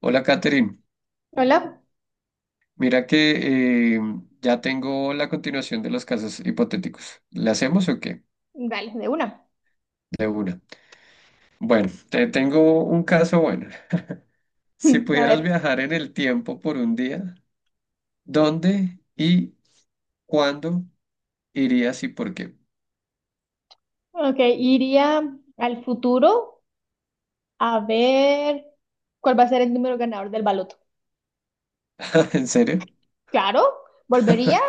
Hola, Catherine. Hola, Mira que ya tengo la continuación de los casos hipotéticos. ¿Le hacemos o qué? vale, de una. De una. Bueno, te tengo un caso bueno. Si A pudieras ver, viajar en el tiempo por un día, ¿dónde y cuándo irías y por qué? ok, iría al futuro a ver cuál va a ser el número ganador del baloto. ¿En serio? Claro, volvería,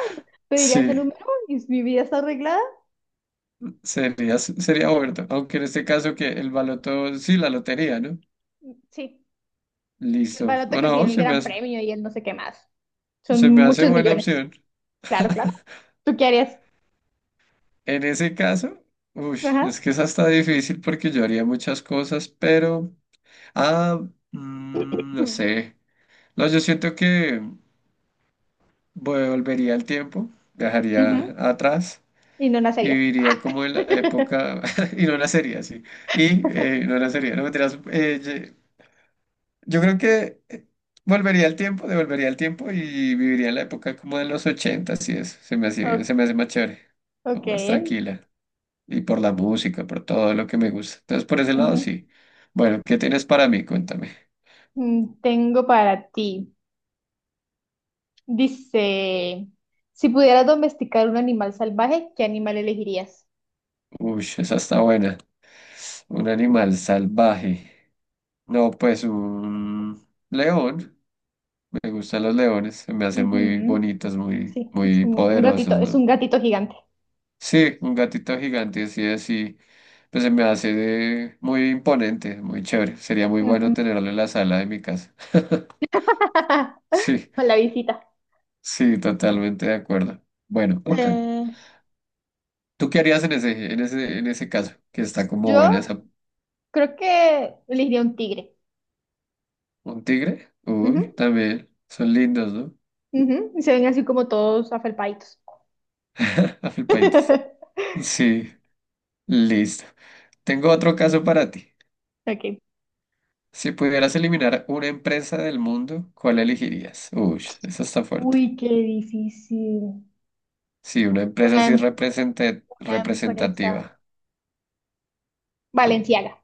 pediría ese Sí, número y si mi vida está arreglada. sería bueno. Aunque en este caso que el baloto, sí, la lotería, ¿no? Sí, sí, el Listo. baloto que Bueno, tiene el gran premio y el no sé qué más. Son se me hace muchos buena millones. opción. Claro, claro. ¿Tú qué harías? En ese caso, uy, Ajá. es que es hasta difícil porque yo haría muchas cosas, pero... Ah, no Ujú. sé. No, yo siento que volvería al tiempo, Ujú. viajaría atrás Y no y nacerías. Ah. viviría como en la época... y no nacería así. Y no nacería, no mentiras, yo creo que volvería al tiempo, devolvería al tiempo y viviría en la época como de los ochentas y eso. O- Se me hace más chévere, Ok. como más tranquila. Y por la música, por todo lo que me gusta. Entonces, por ese lado, Ujú. sí. Bueno, ¿qué tienes para mí? Cuéntame. Tengo para ti. Dice, si pudieras domesticar un animal salvaje, ¿qué animal elegirías? Uy, esa está buena. Un animal salvaje. No, pues un león. Me gustan los leones. Se me hacen muy Ujú. bonitos, muy, Sí, es muy como un gatito, poderosos, es ¿no? un gatito gigante. Sí, un gatito gigante así, así. Pues se me hace muy imponente, muy chévere. Sería muy bueno Ujú. tenerlo en la sala de mi casa. Sí, Con la visita. sí, totalmente de acuerdo. Bueno, ok. Eh, ¿Tú qué harías en ese caso? Que está como yo buena esa. creo que elegiría un tigre. ¿Un tigre? Uy, Ujú, también. Son lindos, ¿no? ujú. Y se ven así como todos afelpaditos. Afilpaditos. Sí, listo. Tengo otro caso para ti. Ok. Si pudieras eliminar una empresa del mundo, ¿cuál elegirías? Uy, eso está fuerte. Uy, qué difícil. Sí, una empresa Una, así em- una empresa. representativa. Valenciaga.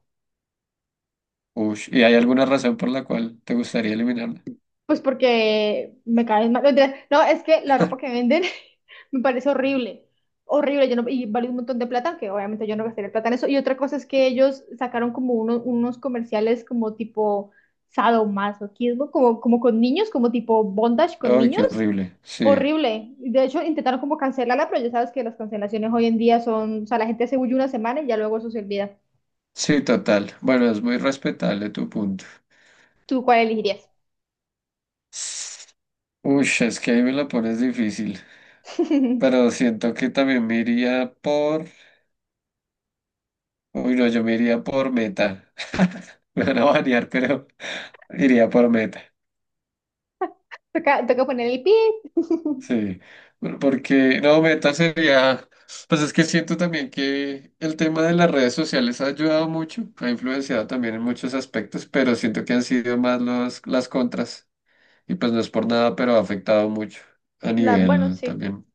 Uy, ¿y hay alguna razón por la cual te gustaría eliminarla? Pues porque me caen mal. No, mentira. No, es que la ropa que venden me parece horrible. Horrible. Yo no, y vale un montón de plata, que obviamente yo no gastaría plata en eso. Y otra cosa es que ellos sacaron como unos comerciales como tipo sadomasoquismo, como con niños, como tipo bondage con Ay, qué niños. horrible. Sí, Horrible. De hecho, intentaron como cancelarla, pero ya sabes que las cancelaciones hoy en día son, o sea, la gente se huye una semana y ya luego eso se olvida. sí, total. Bueno, es muy respetable tu punto. ¿Tú cuál elegirías? Uy, es que ahí me la pones difícil. Pero siento que también me iría por. Uy, no, yo me iría por Meta. Me van a banear, pero iría por Meta. Toca, toca poner el pi. Sí. Porque, no, Meta sería. Pues es que siento también que el tema de las redes sociales ha ayudado mucho, ha influenciado también en muchos aspectos, pero siento que han sido más los, las contras. Y pues no es por nada, pero ha afectado mucho a Bueno, nivel sí. también,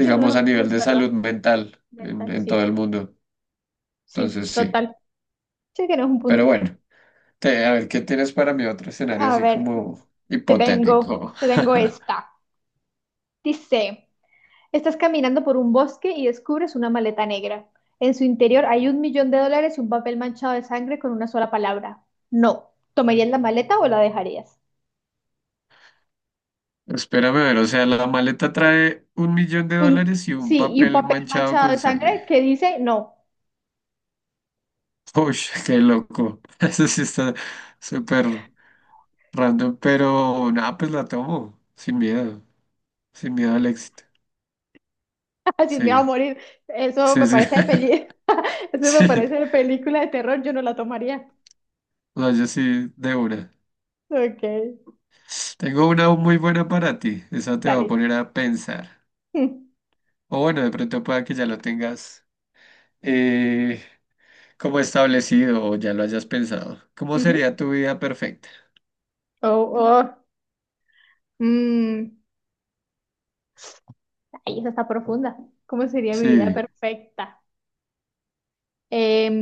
Sí, no, a es no nivel es de verdad. salud mental en Mental, en sí. todo el mundo. Sí, Entonces sí, total. Sí, que no es un pero punto. bueno, a ver qué tienes para mi otro escenario A así ver, como te tengo, hipotético. te tengo esta. Dice, estás caminando por un bosque y descubres una maleta negra. En su interior hay $1 millón y un papel manchado de sangre con una sola palabra. No. ¿Tomarías la maleta o la dejarías? Espérame a ver, o sea, la maleta trae un millón de Un, dólares y un sí, y un papel papel manchado manchado con de sangre. sangre que dice no. Uy, qué loco. Eso sí está súper random, pero nada, pues la tomo, sin miedo, sin miedo al éxito. Así me va a Sí, morir. Eso sí, me sí, parece de peli. Eso me sí, parece de película de terror. Yo no la tomaría. no, yo sí, de una. Ok. Tengo una muy buena para ti, esa te va a Dale. poner a pensar. Mm, O bueno, de pronto pueda que ya lo tengas eh, como establecido o ya lo hayas pensado. ¿Cómo ujú. sería tu vida perfecta? Oh, oh, mm, ay, esa está profunda. ¿Cómo sería mi vida Sí, perfecta? Em,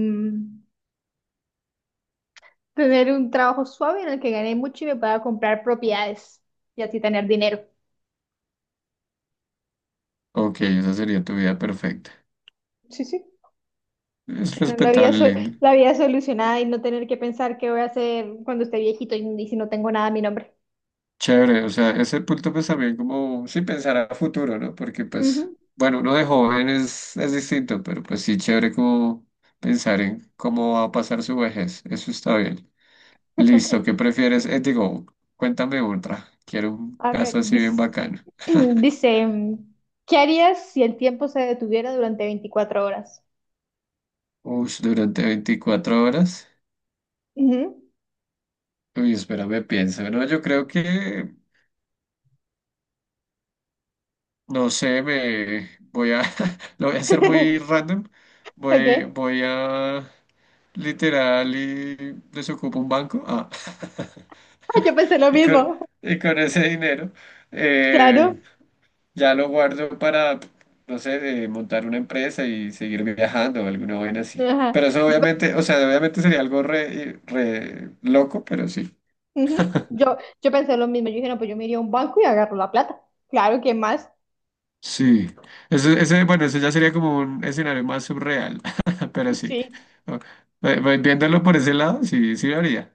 tener un trabajo suave en el que gane mucho y me pueda comprar propiedades y así tener dinero. ok, esa sería tu vida perfecta. Sí, sí. Es Tener la vida, respetable, lindo. la vida solucionada y no tener que pensar qué voy a hacer cuando esté viejito y si no tengo nada a mi nombre. Chévere, o sea, ese punto pues también como, sí, pensar a futuro, ¿no? Porque pues, Ujú. bueno, uno de joven es distinto, pero pues sí, chévere como pensar en cómo va a pasar su vejez. Eso está bien. Listo, ¿qué prefieres? Digo, cuéntame otra. Quiero un A ver, caso así bien dice, bacano. dice, ¿qué harías si el tiempo se detuviera durante 24 horas? Ush, durante 24 horas. Ujú. Uy, espérame, pienso. No, yo creo que, no sé, lo voy a hacer muy random. Voy, Ok. voy a, literal, y desocupo un banco. Ah. Yo pensé lo Y con, mismo, y con ese dinero, eh, claro. ya lo guardo para, no sé, montar una empresa y seguir viajando o alguna vaina así. Ajá. Pero eso Yo, pe- obviamente, o sea, obviamente sería algo re loco, pero sí. ujú. Yo pensé lo mismo. Yo dije, no, pues yo me iría a un banco y agarro la plata. Claro, ¿quién más? Sí, bueno, ese ya sería como un escenario más surreal, pero sí. Sí, O- Viéndolo por ese lado, sí, sí lo haría.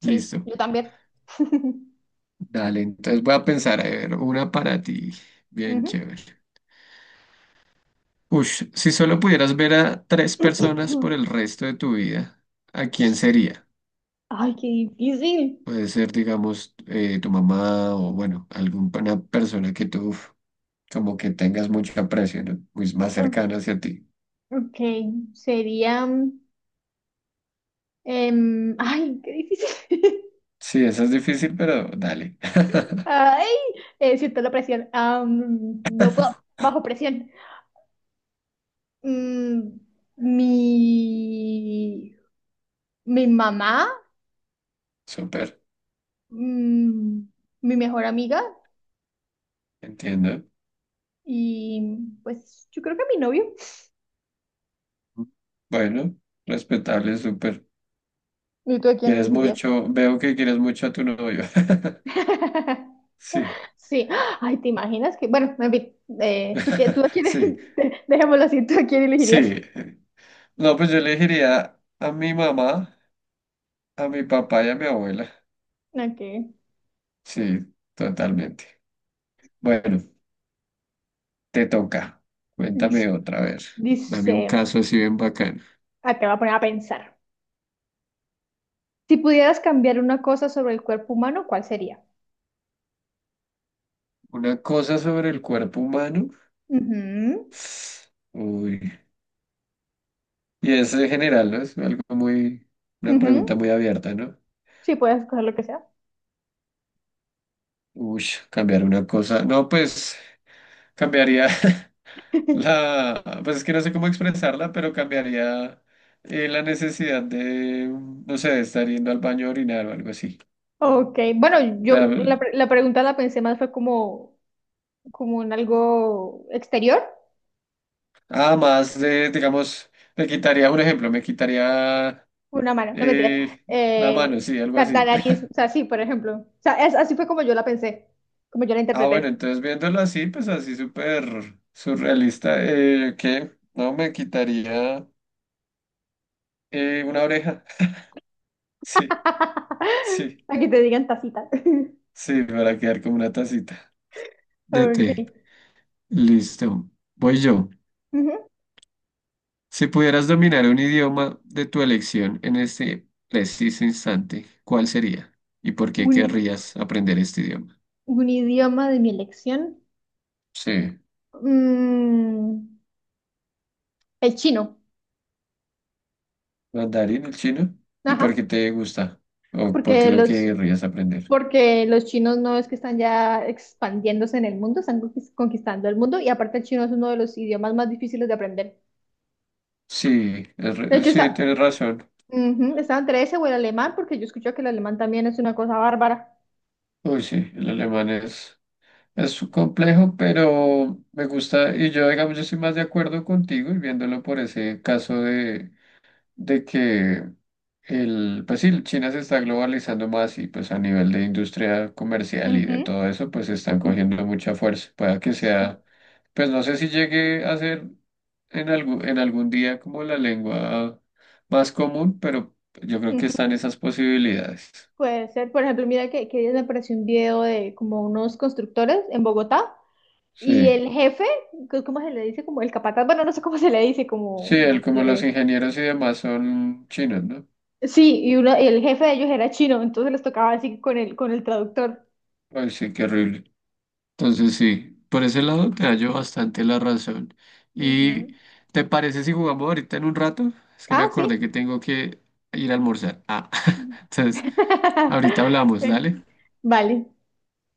sí, Listo. yo también. Dale, entonces voy a pensar, a ver, una para ti. Bien Ujú. chévere. Ush, si solo pudieras ver a 3 personas por el resto de tu vida, ¿a quién sería? Ay, qué difícil. Puede ser, digamos, tu mamá o, bueno, alguna persona que tú uf, como que tengas mucho aprecio, ¿no? Pues más Mm, cercana hacia ti. Ok, sería. Ay, qué difícil. Sí, eso es difícil, pero dale. Ay, siento la presión. No puedo, bajo presión. Mm, mi, mi mamá, Súper, mm, mi mejor amiga entiendo. y pues yo creo que mi novio. Bueno, respetable, súper. ¿Y tú a quién Quieres elegirías? mucho, veo que quieres mucho a tu novio. Sí, Sí, ay, ¿te imaginas que? Bueno, en fin, ¿tú, qué, tú a quién, sí, dejémoslo así, ¿tú a quién elegirías? sí. No, pues yo le diría a mi mamá, a mi papá y a mi abuela. Ok, Sí, totalmente. Bueno, te toca. Cuéntame Dis- otra vez. Dame un dice, caso así bien bacano. Te voy a poner a pensar. Si pudieras cambiar una cosa sobre el cuerpo humano, ¿cuál sería? Una cosa sobre el cuerpo humano. Ujú, Uy. Y eso en general, ¿no? Una pregunta ujú. muy abierta, ¿no? Sí, puedes escoger lo que sea. Uy, cambiar una cosa. No, pues cambiaría la, pues es que no sé cómo expresarla, pero cambiaría la necesidad de, no sé, de estar yendo al baño a orinar o algo así. Ok, bueno, O sea, yo la pregunta la pensé más fue como, en algo exterior, además de, digamos, me quitaría Una mano, no mentiras. eh, la mano, Eh, sí, algo la, la así. nariz, o sea, sí, por ejemplo. O sea, así fue como yo la pensé, como yo la Ah, bueno, interpreté. entonces viéndolo así, pues así súper surrealista, ¿qué? No, me quitaría una oreja. Sí, sí, Aquí te digan tacita. sí, para quedar como una tacita de Ok. té. Listo. Voy yo. Ujú. Si pudieras dominar un idioma de tu elección en este preciso instante, ¿cuál sería? ¿Y por qué Un, querrías aprender este idioma? un idioma de mi elección. Sí, Mm, el chino. mandarín, el chino. ¿Y por Ajá. qué te gusta? ¿O por qué Porque lo los, querrías aprender? porque los chinos no es que están ya expandiéndose en el mundo, están conquistando el mundo y aparte el chino es uno de los idiomas más difíciles de aprender. Sí, es De hecho, sí, tienes razón. Ujú, Estaba entre ese o el alemán, porque yo escucho que el alemán también es una cosa bárbara. Uy, sí, el alemán es complejo, pero me gusta, y yo, digamos, yo estoy más de acuerdo contigo y viéndolo por ese caso de que el, pues sí, China se está globalizando más y pues a nivel de industria comercial y Ujú, de todo eso, pues están ujú. cogiendo mucha fuerza. Pueda que Sí. sea, pues no sé si llegue a ser en algún día como la lengua más común, pero yo creo que Ujú. están esas posibilidades. Puede ser, por ejemplo, mira que ayer me apareció un video de como unos constructores en Bogotá y Sí, el jefe, ¿cómo se le dice? Como el capataz, bueno, no sé cómo se le dice, sí, como él el como los que-. ingenieros y demás son chinos, ¿no? Sí, y el jefe de ellos era chino, entonces les tocaba así con con el traductor. Ay, sí, qué horrible. Entonces sí, por ese lado te hallo bastante la razón. ¿Y Ujú. te parece si jugamos ahorita en un rato? Es que me Ah, acordé sí. que tengo que ir a almorzar. Ah, entonces, ahorita hablamos, dale. Vale.